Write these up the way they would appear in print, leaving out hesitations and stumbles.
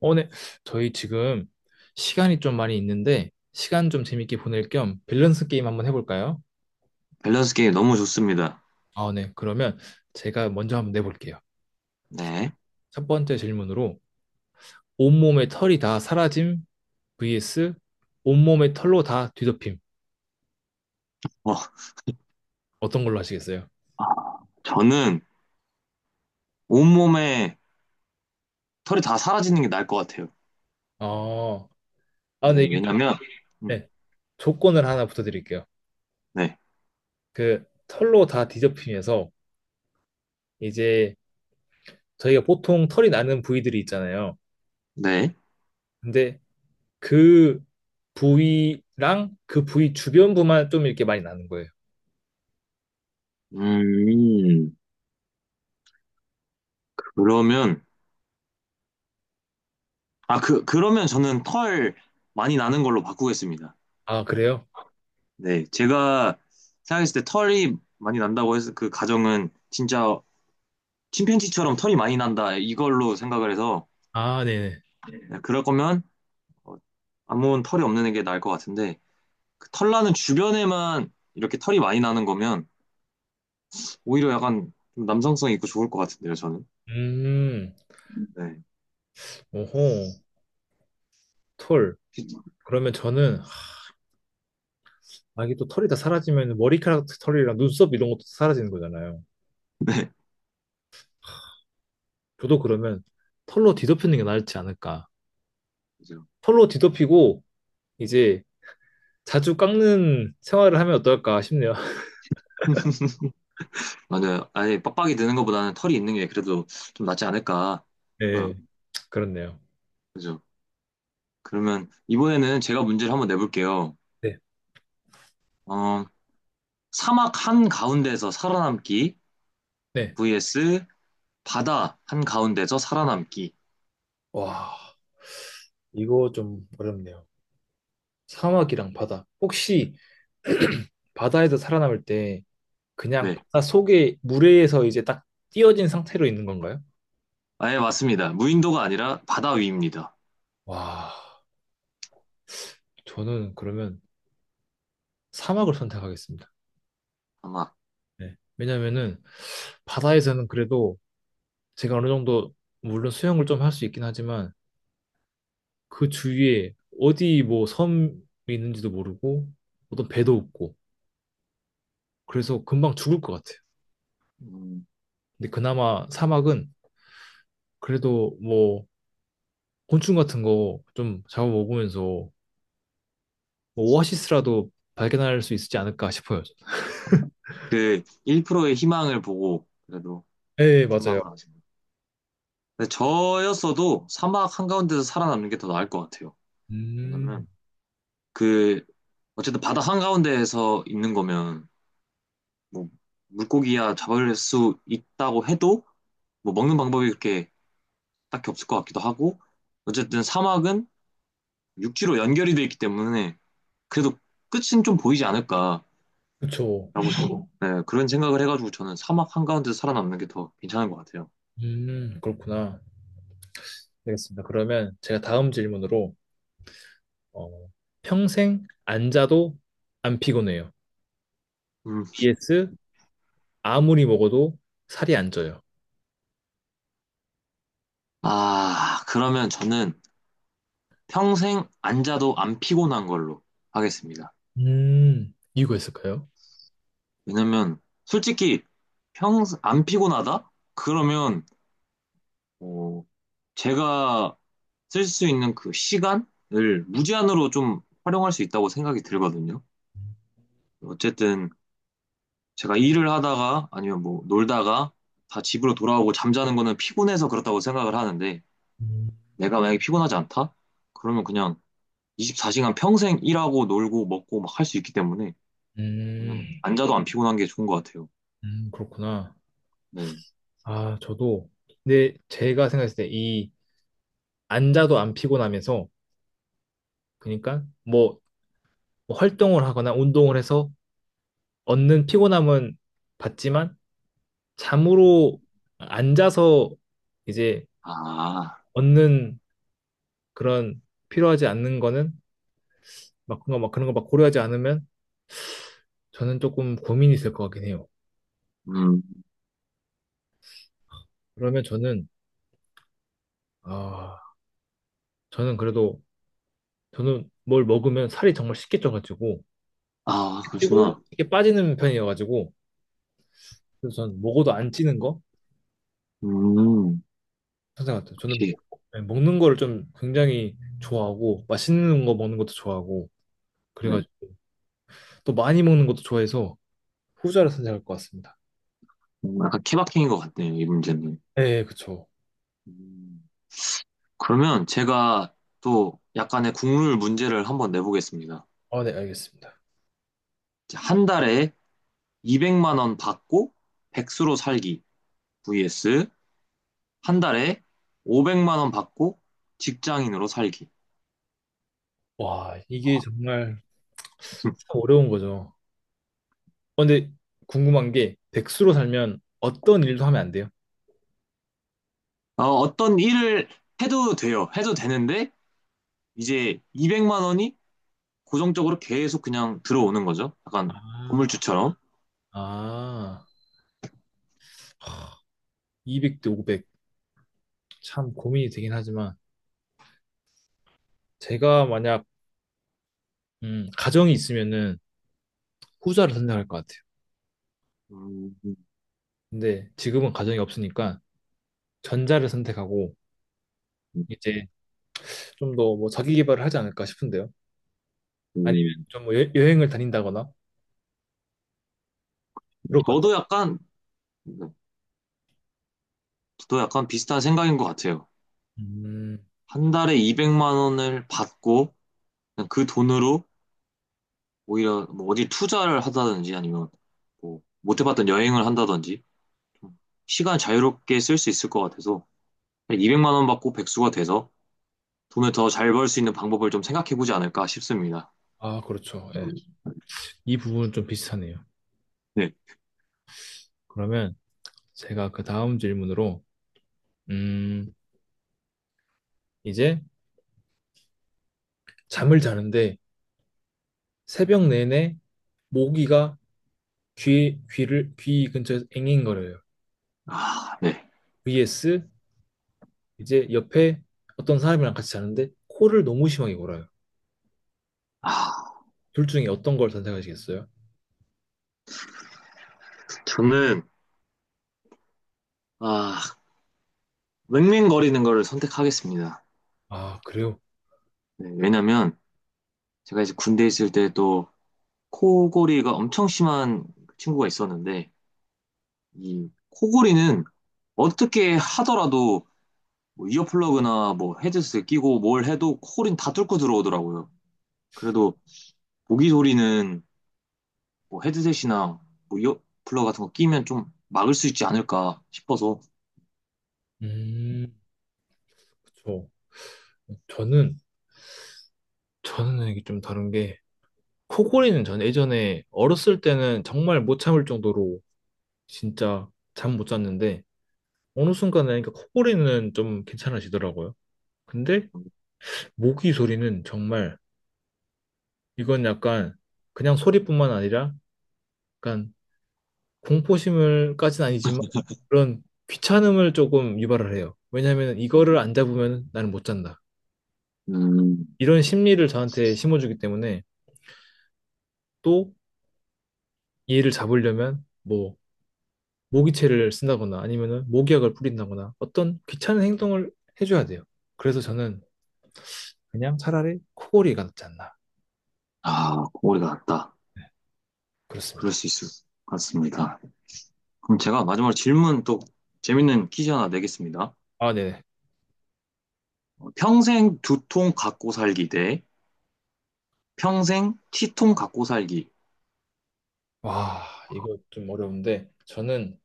어, 네. 저희 지금 시간이 좀 많이 있는데, 시간 좀 재밌게 보낼 겸 밸런스 게임 한번 해볼까요? 밸런스 게임 너무 좋습니다. 아, 네. 그러면 제가 먼저 한번 내볼게요. 네. 첫 번째 질문으로, 온몸에 털이 다 사라짐 vs 온몸에 털로 다 뒤덮임. 어, 어떤 걸로 하시겠어요? 아, 저는 온몸에 털이 다 사라지는 게 나을 것 같아요. 어, 아, 네, 근데 이게 좀, 왜냐면, 음, 네. 조건을 하나 붙여드릴게요. 네, 그 털로 다 뒤덮임에서 이제 저희가 보통 털이 나는 부위들이 있잖아요. 네. 근데 그 부위랑 그 부위 주변부만 좀 이렇게 많이 나는 거예요. 음, 그러면, 그러면 저는 털 많이 나는 걸로 바꾸겠습니다. 아, 그래요? 네, 제가 생각했을 때 털이 많이 난다고 해서 그 가정은 진짜 침팬지처럼 털이 많이 난다, 이걸로 생각을 해서, 아, 네네. 네, 그럴 거면, 어, 아무 털이 없는 게 나을 것 같은데, 그 털나는 주변에만 이렇게 털이 많이 나는 거면 오히려 약간 좀 남성성 있고 좋을 것 같은데요, 저는. 음, 네. 오호, 털. 그러면 저는, 아, 이게 또 털이 다 사라지면 머리카락 털이랑 눈썹 이런 것도 사라지는 거잖아요. 네. 저도 그러면 털로 뒤덮이는 게 나을지 않을까. 그죠. 털로 뒤덮이고, 이제 자주 깎는 생활을 하면 어떨까 싶네요. 맞아요. 아예 빡빡이 드는 것보다는 털이 있는 게 그래도 좀 낫지 않을까. 네, 어, 그렇네요. 그죠. 그러면 이번에는 제가 문제를 한번 내볼게요. 네, 어, 사막 한 가운데서 살아남기 네. vs 바다 한 가운데서 살아남기. 와, 이거 좀 어렵네요. 사막이랑 바다. 혹시 바다에서 살아남을 때 그냥 네. 바다 속에 물에서 이제 딱 띄어진 상태로 있는 건가요? 아예 맞습니다. 무인도가 아니라 바다 위입니다. 와, 저는 그러면 사막을 선택하겠습니다. 아마. 네. 왜냐면은 바다에서는 그래도 제가 어느 정도 물론 수영을 좀 할 수 있긴 하지만 그 주위에 어디 뭐 섬이 있는지도 모르고 어떤 배도 없고 그래서 금방 죽을 것 같아요. 음, 근데 그나마 사막은 그래도 뭐 곤충 같은 거 좀 잡아먹으면서 뭐 오아시스라도 발견할 수 있지 않을까 싶어요. 저는. 그 1%의 희망을 보고 그래도 네, 맞아요. 사막으로 하시면. 근데 저였어도 사막 한가운데서 살아남는 게 더 나을 것 같아요. 음, 왜냐면 그 어쨌든 바다 한가운데에서 있는 거면 뭐 물고기야 잡을 수 있다고 해도 뭐 먹는 방법이 그렇게 딱히 없을 것 같기도 하고 어쨌든 사막은 육지로 연결이 돼 있기 때문에 그래도 끝은 좀 보이지 않을까라고 그쵸. 저도 네, 그런 생각을 해가지고 저는 사막 한가운데서 살아남는 게 더 괜찮은 것 같아요. 그렇구나. 알겠습니다. 그러면 제가 다음 질문으로 어, 평생 안 자도 안 피곤해요. 음. vs 아무리 먹어도 살이 안 쪄요. 아, 그러면 저는 평생 안 자도 안 피곤한 걸로 하겠습니다. 이유가 있을까요? 왜냐면 솔직히 안 피곤하다? 그러면 어, 제가 쓸 수 있는 그 시간을 무제한으로 좀 활용할 수 있다고 생각이 들거든요. 어쨌든 제가 일을 하다가 아니면 뭐 놀다가 다 집으로 돌아오고 잠자는 거는 피곤해서 그렇다고 생각을 하는데 음, 내가 만약에 피곤하지 않다? 그러면 그냥 24시간 평생 일하고 놀고 먹고 막 할 수 있기 때문에 음, 앉아도 안 피곤한 게 좋은 것 같아요. 그렇구나. 네. 아, 저도. 근데 제가 생각했을 때 이 안 자도 안 피곤하면서 그러니까 뭐 활동을 하거나 운동을 해서 얻는 피곤함은 받지만 잠으로 앉아서 이제 아, 얻는 그런 필요하지 않는 거는 막 그런 거막 그런 거 막 고려하지 않으면 저는 조금 고민이 있을 것 같긴 해요. 음, 그러면 아 저는 그래도 저는 뭘 먹으면 살이 정말 쉽게 쪄가지고 아, 찌고 그러시구나. 쉽게 빠지는 편이어가지고 그래서 저는 먹어도 안 찌는 거 음, 항상 같아요. 저는 역시, 네, 먹는 거를 좀 굉장히 좋아하고 맛있는 거 먹는 것도 좋아하고 네. 그래가지고 또 많이 먹는 것도 좋아해서 후자를 선택할 것 같습니다. 약간 케바케인 것 같네요, 이 문제는. 네, 그쵸. 음, 그러면 제가 또 약간의 국룰 문제를 한번 내보겠습니다. 아, 네, 알겠습니다. 이제 한 달에 200만 원 받고 백수로 살기 vs 한 달에 500만 원 받고 직장인으로 살기. 와, 이게 정말 참 어려운 거죠. 근데 궁금한 게 백수로 살면 어떤 일도 하면 안 돼요? 어떤 일을 해도 돼요. 해도 되는데 이제 200만 원이 고정적으로 계속 그냥 들어오는 거죠. 약간 아, 건물주처럼. 아, 하, 200대 500. 참 고민이 되긴 하지만 제가 만약 가정이 있으면은 후자를 선택할 것 같아요. 음, 근데 지금은 가정이 없으니까 전자를 선택하고 이제 좀 더 뭐 자기 개발을 하지 않을까 싶은데요. 아니면 음. 좀 뭐 여행을 다닌다거나 그럴 것 저도 같아요. 약간, 네, 저도 약간 비슷한 생각인 것 같아요. 음, 한 달에 200만 원을 받고 그냥 그 돈으로 오히려 뭐 어디 투자를 하다든지 아니면 뭐 못 해봤던 여행을 한다든지 좀 시간 자유롭게 쓸 수 있을 것 같아서 200만 원 받고 백수가 돼서 돈을 더 잘 벌 수 있는 방법을 좀 생각해보지 않을까 싶습니다. 아, 그렇죠. 예. 이 부분은 좀 비슷하네요. 네. 그러면 제가 그 다음 질문으로, 음, 이제 잠을 자는데 새벽 내내 모기가 귀 근처에서 앵앵거려요. 아, 네. vs 이제 옆에 어떤 사람이랑 같이 자는데 코를 너무 심하게 골아요. 아, 둘 중에 어떤 걸 선택하시겠어요? 저는, 아, 맹맹거리는 거를 선택하겠습니다. 아, 그래요? 네, 왜냐면 제가 이제 군대 에 있을 때 또 코골이가 엄청 심한 친구가 있었는데 이 코골이는 어떻게 하더라도 뭐 이어플러그나 뭐 헤드셋 끼고 뭘 해도 코골이는 다 뚫고 들어오더라고요. 그래도 모기 소리는 뭐 헤드셋이나 뭐 이어플러그 같은 거 끼면 좀 막을 수 있지 않을까 싶어서 음, 그쵸. 저는, 저는, 이게 좀 다른 게, 코골이는 전 예전에 어렸을 때는 정말 못 참을 정도로 진짜 잠 못 잤는데 어느 순간 나니까 코골이는 좀 괜찮아지더라고요. 근데 모기 소리는 정말 이건 약간 그냥 소리뿐만 아니라 약간 공포심을까진 아니지만 그런 귀찮음을 조금 유발을 해요. 왜냐하면 이거를 안 잡으면 나는 못 잔다. 음, 이런 심리를 저한테 심어주기 때문에 또 얘를 잡으려면 뭐 모기채를 쓴다거나 아니면은 모기약을 뿌린다거나 어떤 귀찮은 행동을 해줘야 돼요. 그래서 저는 그냥 차라리 코골이가 낫지 않나. 아, 코골이가 낫다. 그럴 그렇습니다. 수 있을 것 같습니다. 그럼 제가 마지막으로 질문 또 재밌는 퀴즈 하나 내겠습니다. 아, 네네. 평생 두통 갖고 살기 대 평생 치통 갖고 살기. 와, 이거 좀 어려운데, 저는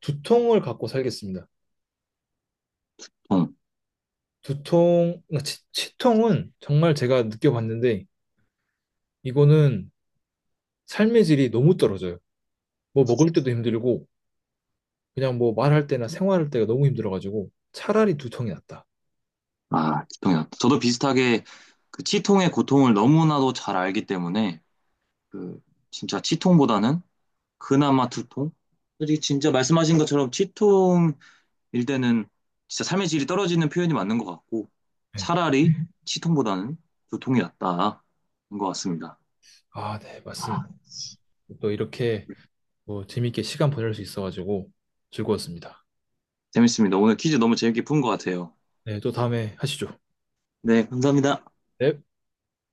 두통을 갖고 살겠습니다. 통. 두통, 그러니까 치통은 정말 제가 느껴봤는데, 이거는 삶의 질이 너무 떨어져요. 뭐 먹을 때도 힘들고, 그냥 뭐 말할 때나 생활할 때가 너무 힘들어가지고, 차라리 두통이 낫다. 아, 치통이 났다 저도 비슷하게 그 치통의 고통을 너무나도 잘 알기 때문에 그 진짜 치통보다는 그나마 두통? 솔직히 진짜 말씀하신 것처럼 치통일 때는 진짜 삶의 질이 떨어지는 표현이 맞는 것 같고 네. 차라리 치통보다는 두통이 낫다인 것 같습니다. 아, 네, 맞습니다. 또 이렇게 뭐 재밌게 시간 보낼 수 있어가지고 즐거웠습니다. 재밌습니다. 오늘 퀴즈 너무 재밌게 푼 것 같아요. 네, 또 다음에 하시죠. 네, 감사합니다. 네.